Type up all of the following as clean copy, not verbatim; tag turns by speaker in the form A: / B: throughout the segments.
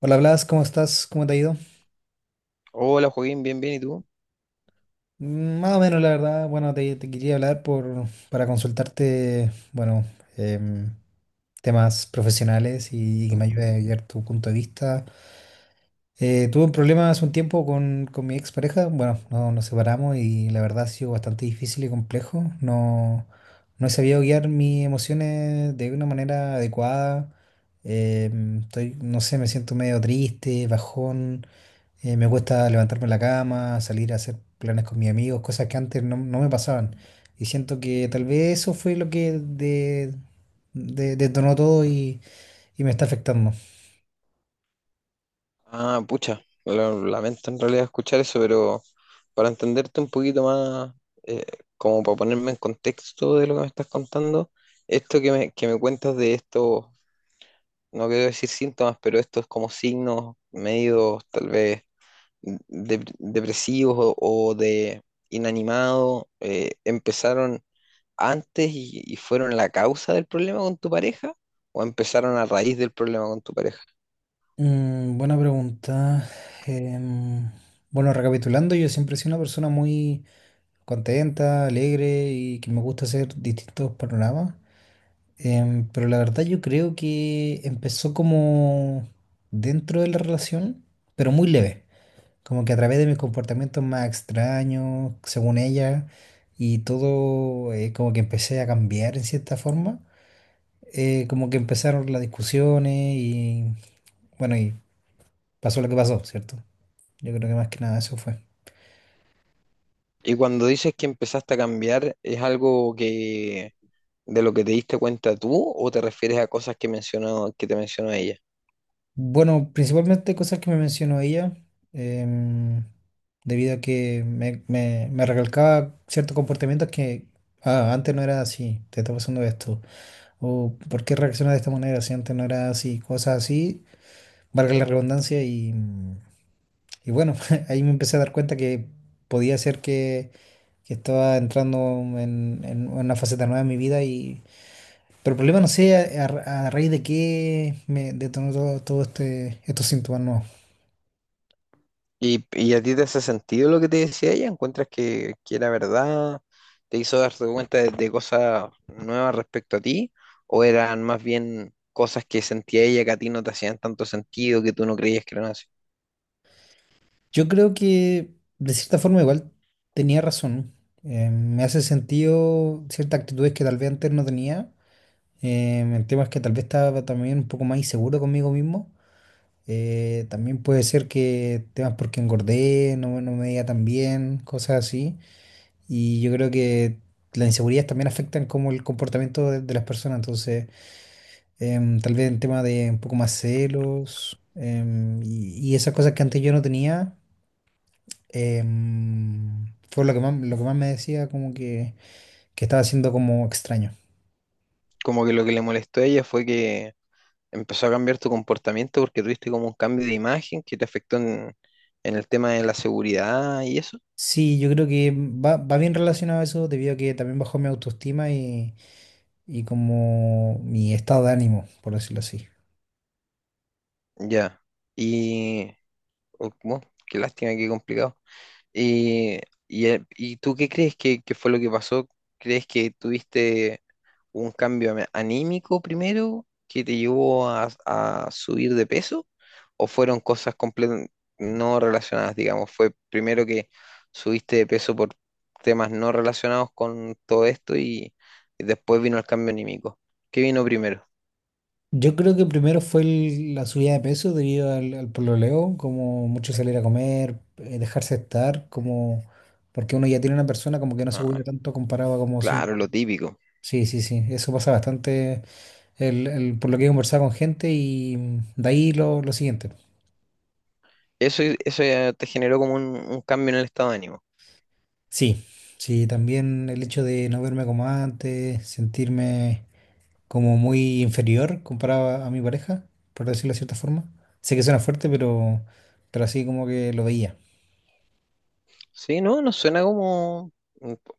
A: Hola Blas, ¿cómo estás? ¿Cómo te ha ido?
B: Hola Joaquín, bien, bien, ¿y tú?
A: Más o menos, la verdad. Bueno, te quería hablar para consultarte, em, temas profesionales y, que me ayude a guiar tu punto de vista. Tuve un problema hace un tiempo con mi expareja. Bueno, no, nos separamos y la verdad ha sido bastante difícil y complejo. No, no he sabido guiar mis emociones de una manera adecuada. Estoy, no sé, me siento medio triste, bajón. Me gusta levantarme en la cama, salir a hacer planes con mis amigos, cosas que antes no, no me pasaban. Y siento que tal vez eso fue lo que detonó todo y me está afectando.
B: Ah, pucha, lamento en realidad escuchar eso, pero para entenderte un poquito más, eh, como para ponerme en contexto de lo que me estás contando, esto que me cuentas de estos, no quiero decir síntomas, pero estos como signos medios tal vez depresivos o de inanimado, ¿empezaron antes y fueron la causa del problema con tu pareja? ¿O empezaron a raíz del problema con tu pareja?
A: Buena pregunta. Em, bueno, recapitulando, yo siempre he sido una persona muy contenta, alegre y que me gusta hacer distintos panoramas. Pero la verdad yo creo que empezó como dentro de la relación, pero muy leve. Como que a través de mis comportamientos más extraños, según ella, y todo, como que empecé a cambiar en cierta forma. Como que empezaron las discusiones y pasó lo que pasó, ¿cierto? Yo creo que más que nada eso fue.
B: Y cuando dices que empezaste a cambiar, ¿es algo que de lo que te diste cuenta tú o te refieres a cosas que te mencionó ella?
A: Bueno, principalmente cosas que me mencionó ella, em, debido a que me recalcaba ciertos comportamientos que antes no era así, te está pasando esto, o por qué reaccionas de esta manera si antes no era así, cosas así valga la redundancia, y bueno, ahí me empecé a dar cuenta que podía ser que, que estaba entrando en una faceta nueva de mi vida, pero el problema no sé a raíz de qué me detonó todo, estos síntomas nuevos.
B: Y a ti te hace sentido lo que te decía ella? ¿Encuentras que era verdad? ¿Te hizo darte cuenta de cosas nuevas respecto a ti? ¿O eran más bien cosas que sentía ella que a ti no te hacían tanto sentido, que tú no creías que eran así?
A: Yo creo que de cierta forma igual tenía razón. Me hace sentido ciertas actitudes que tal vez antes no tenía. El tema es que tal vez estaba también un poco más inseguro conmigo mismo. También puede ser que temas porque engordé, no me veía tan bien, cosas así. Y yo creo que las inseguridades también afectan como el comportamiento de las personas. Entonces, tal vez en tema de un poco más celos y esas cosas que antes yo no tenía, fue lo que más me decía como que estaba siendo como extraño.
B: Como que lo que le molestó a ella fue que empezó a cambiar tu comportamiento porque tuviste como un cambio de imagen que te afectó en el tema de la seguridad y eso.
A: Sí, yo creo que va bien relacionado a eso debido a que también bajó mi autoestima y como mi estado de ánimo, por decirlo así.
B: Ya. Y, oh, bueno, qué lástima, qué complicado. ¿Y, ¿Y tú qué crees que fue lo que pasó? ¿Crees que tuviste un cambio anímico primero que te llevó a subir de peso? ¿O fueron cosas completamente no relacionadas, digamos? ¿Fue primero que subiste de peso por temas no relacionados con todo esto y después vino el cambio anímico? ¿Qué vino primero?
A: Yo creo que primero fue la subida de peso debido al pololeo, como mucho salir a comer, dejarse estar, como porque uno ya tiene una persona como que no se
B: Ah,
A: cuida tanto comparado a como si
B: claro, lo típico.
A: Sí, eso pasa bastante por lo que he conversado con gente y de ahí lo siguiente.
B: Eso ya te generó como un cambio en el estado de ánimo.
A: Sí, sí, también el hecho de no verme como antes, sentirme como muy inferior comparado a mi pareja, por decirlo de cierta forma. Sé que suena fuerte, pero así como que lo veía.
B: Sí, no, no suena como,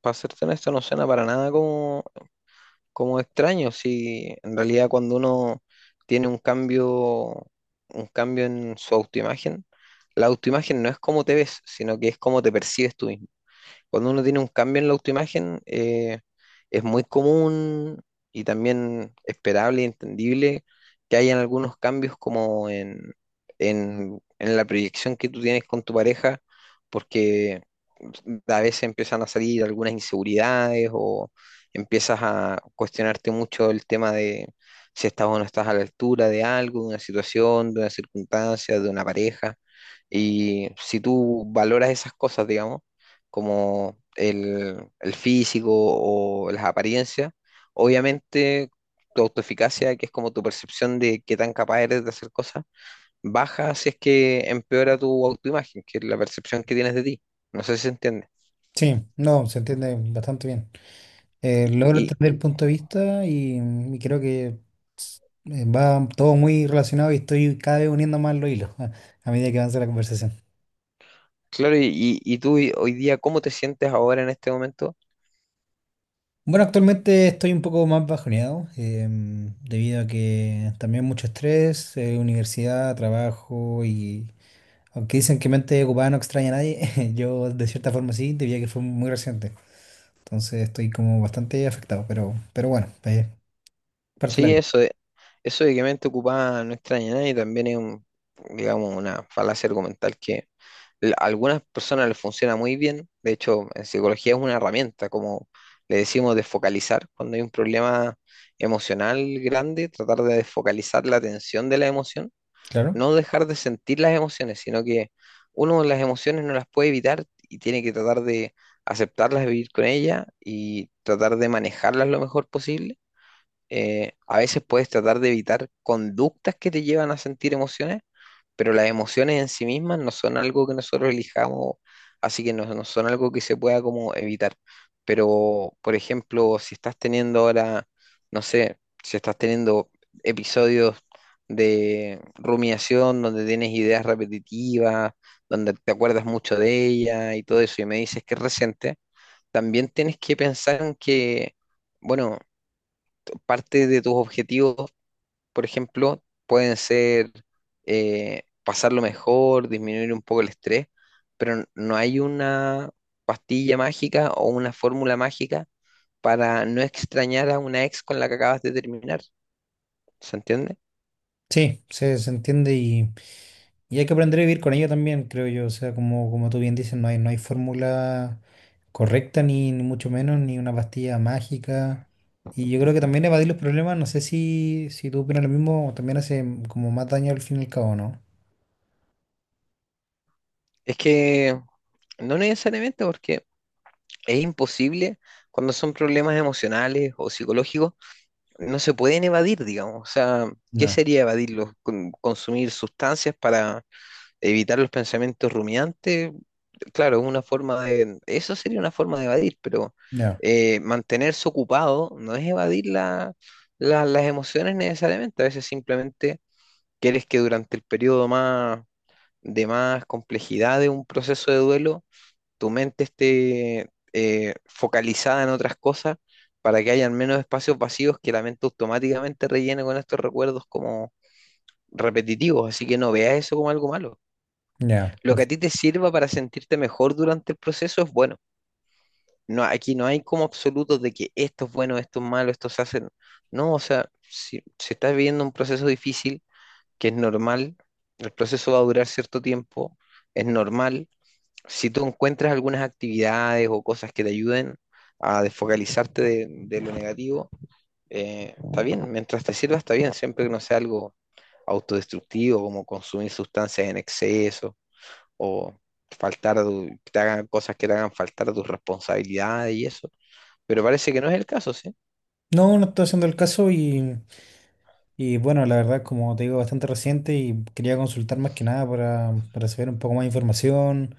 B: para serte honesto, no suena para nada como, como extraño. Si en realidad cuando uno tiene un cambio en su autoimagen, la autoimagen no es cómo te ves, sino que es cómo te percibes tú mismo. Cuando uno tiene un cambio en la autoimagen, es muy común y también esperable y entendible que hayan algunos cambios como en la proyección que tú tienes con tu pareja, porque a veces empiezan a salir algunas inseguridades o empiezas a cuestionarte mucho el tema de si estás o no estás a la altura de algo, de una situación, de una circunstancia, de una pareja. Y si tú valoras esas cosas, digamos, como el físico o las apariencias. Obviamente, tu autoeficacia, que es como tu percepción de qué tan capaz eres de hacer cosas, baja si es que empeora tu autoimagen, que es la percepción que tienes de ti. No sé si se entiende.
A: Sí, no, se entiende bastante bien. Logro
B: Y
A: entender el punto de vista y creo que va todo muy relacionado y estoy cada vez uniendo más los hilos a medida que avanza la conversación.
B: claro, hoy día, ¿cómo te sientes ahora en este momento?
A: Bueno, actualmente estoy un poco más bajoneado debido a que también mucho estrés, universidad, trabajo. Aunque dicen que mente ocupada no extraña a nadie, yo de cierta forma sí, diría que fue muy reciente. Entonces estoy como bastante afectado, pero bueno, parte de la
B: Sí,
A: vida,
B: eso eso de que mente ocupada no extraña a nadie también es un, digamos, una falacia argumental que a algunas personas les funciona muy bien. De hecho, en psicología es una herramienta, como le decimos, de focalizar. Cuando hay un problema emocional grande, tratar de desfocalizar la atención de la emoción,
A: claro.
B: no dejar de sentir las emociones, sino que uno las emociones no las puede evitar y tiene que tratar de aceptarlas, vivir con ellas y tratar de manejarlas lo mejor posible. A veces puedes tratar de evitar conductas que te llevan a sentir emociones, pero las emociones en sí mismas no son algo que nosotros elijamos, así que no, no son algo que se pueda como evitar. Pero, por ejemplo, si estás teniendo ahora, no sé, si estás teniendo episodios de rumiación donde tienes ideas repetitivas, donde te acuerdas mucho de ella y todo eso, y me dices que es reciente, también tienes que pensar en que, bueno, parte de tus objetivos, por ejemplo, pueden ser pasarlo mejor, disminuir un poco el estrés, pero no hay una pastilla mágica o una fórmula mágica para no extrañar a una ex con la que acabas de terminar. ¿Se entiende?
A: Sí, se entiende y hay que aprender a vivir con ello también, creo yo. O sea, como tú bien dices, no hay fórmula correcta, ni mucho menos, ni una pastilla mágica. Y yo creo que también evadir los problemas, no sé si, si tú opinas lo mismo, también hace como más daño al fin y al cabo, ¿no?
B: Es que no necesariamente porque es imposible cuando son problemas emocionales o psicológicos, no se pueden evadir, digamos. O sea, ¿qué
A: No.
B: sería evadirlos? Consumir sustancias para evitar los pensamientos rumiantes, claro, es una forma de, eso sería una forma de evadir, pero
A: Ya,
B: mantenerse ocupado no es evadir las emociones necesariamente, a veces simplemente quieres que durante el periodo más, de más complejidad de un proceso de duelo, tu mente esté focalizada en otras cosas para que hayan menos espacios vacíos que la mente automáticamente rellene con estos recuerdos como repetitivos, así que no veas eso como algo malo.
A: ya.
B: Lo que a ti te sirva para sentirte mejor durante el proceso es bueno. No, aquí no hay como absolutos de que esto es bueno, esto es malo, esto se hace. No, No, o sea, si, si estás viviendo un proceso difícil, que es normal, el proceso va a durar cierto tiempo, es normal. Si tú encuentras algunas actividades o cosas que te ayuden a desfocalizarte de lo negativo, está bien, mientras te sirva está bien, siempre que no sea algo autodestructivo, como consumir sustancias en exceso o faltar, te hagan cosas que te hagan faltar tus responsabilidades y eso. Pero parece que no es el caso, ¿sí?
A: No, no estoy haciendo el caso. Y bueno, la verdad, como te digo, bastante reciente y quería consultar más que nada para saber un poco más de información.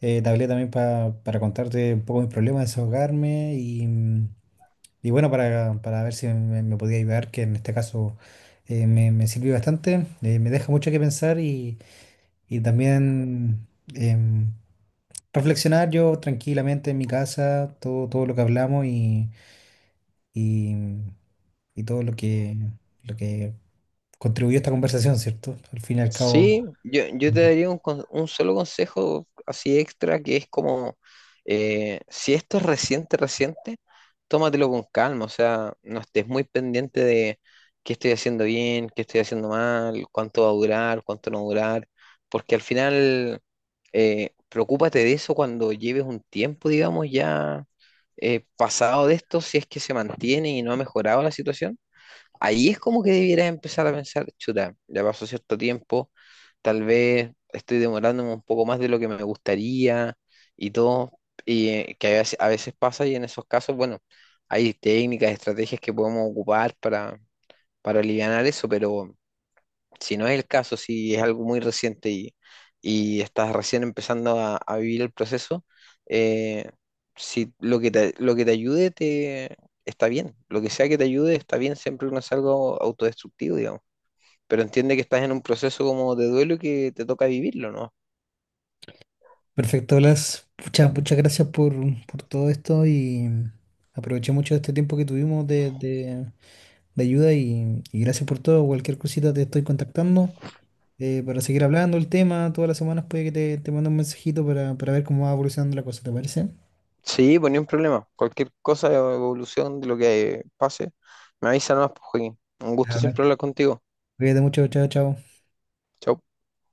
A: Te hablé también para contarte un poco mis problemas, desahogarme. Y bueno, para ver si me podía ayudar, que en este caso me sirvió bastante, me deja mucho que pensar y también em, reflexionar yo tranquilamente en mi casa, todo lo que hablamos y, y todo lo que contribuyó a esta conversación, ¿cierto? Al fin y al cabo.
B: Sí, yo te daría un, un solo consejo así extra que es como, si esto es reciente, reciente, tómatelo con calma, o sea, no estés muy pendiente de qué estoy haciendo bien, qué estoy haciendo mal, cuánto va a durar, cuánto no va a durar, porque al final, preocúpate de eso cuando lleves un tiempo, digamos, ya pasado de esto, si es que se mantiene y no ha mejorado la situación. Ahí es como que debieras empezar a pensar, chuta, ya pasó cierto tiempo, tal vez estoy demorándome un poco más de lo que me gustaría y todo, y que a veces pasa y en esos casos, bueno, hay técnicas, estrategias que podemos ocupar para alivianar eso, pero si no es el caso, si es algo muy reciente y estás recién empezando a vivir el proceso, eh, si lo que te ayude te, está bien, lo que sea que te ayude está bien, siempre que no es algo autodestructivo, digamos. Pero entiende que estás en un proceso como de duelo y que te toca vivirlo, ¿no?
A: Perfecto, Blas. Muchas gracias por todo esto y aproveché mucho este tiempo que tuvimos de ayuda y gracias por todo. Cualquier cosita te estoy contactando para seguir hablando el tema. Todas las semanas puede que te mande un mensajito para ver cómo va evolucionando la cosa, ¿te parece?
B: Sí, pues ni un problema. Cualquier cosa, evolución de lo que pase, me avisa nomás, pues, Joaquín. Un
A: Ya,
B: gusto
A: Blas.
B: siempre hablar contigo.
A: Cuídate mucho, chao, chao.
B: Chau.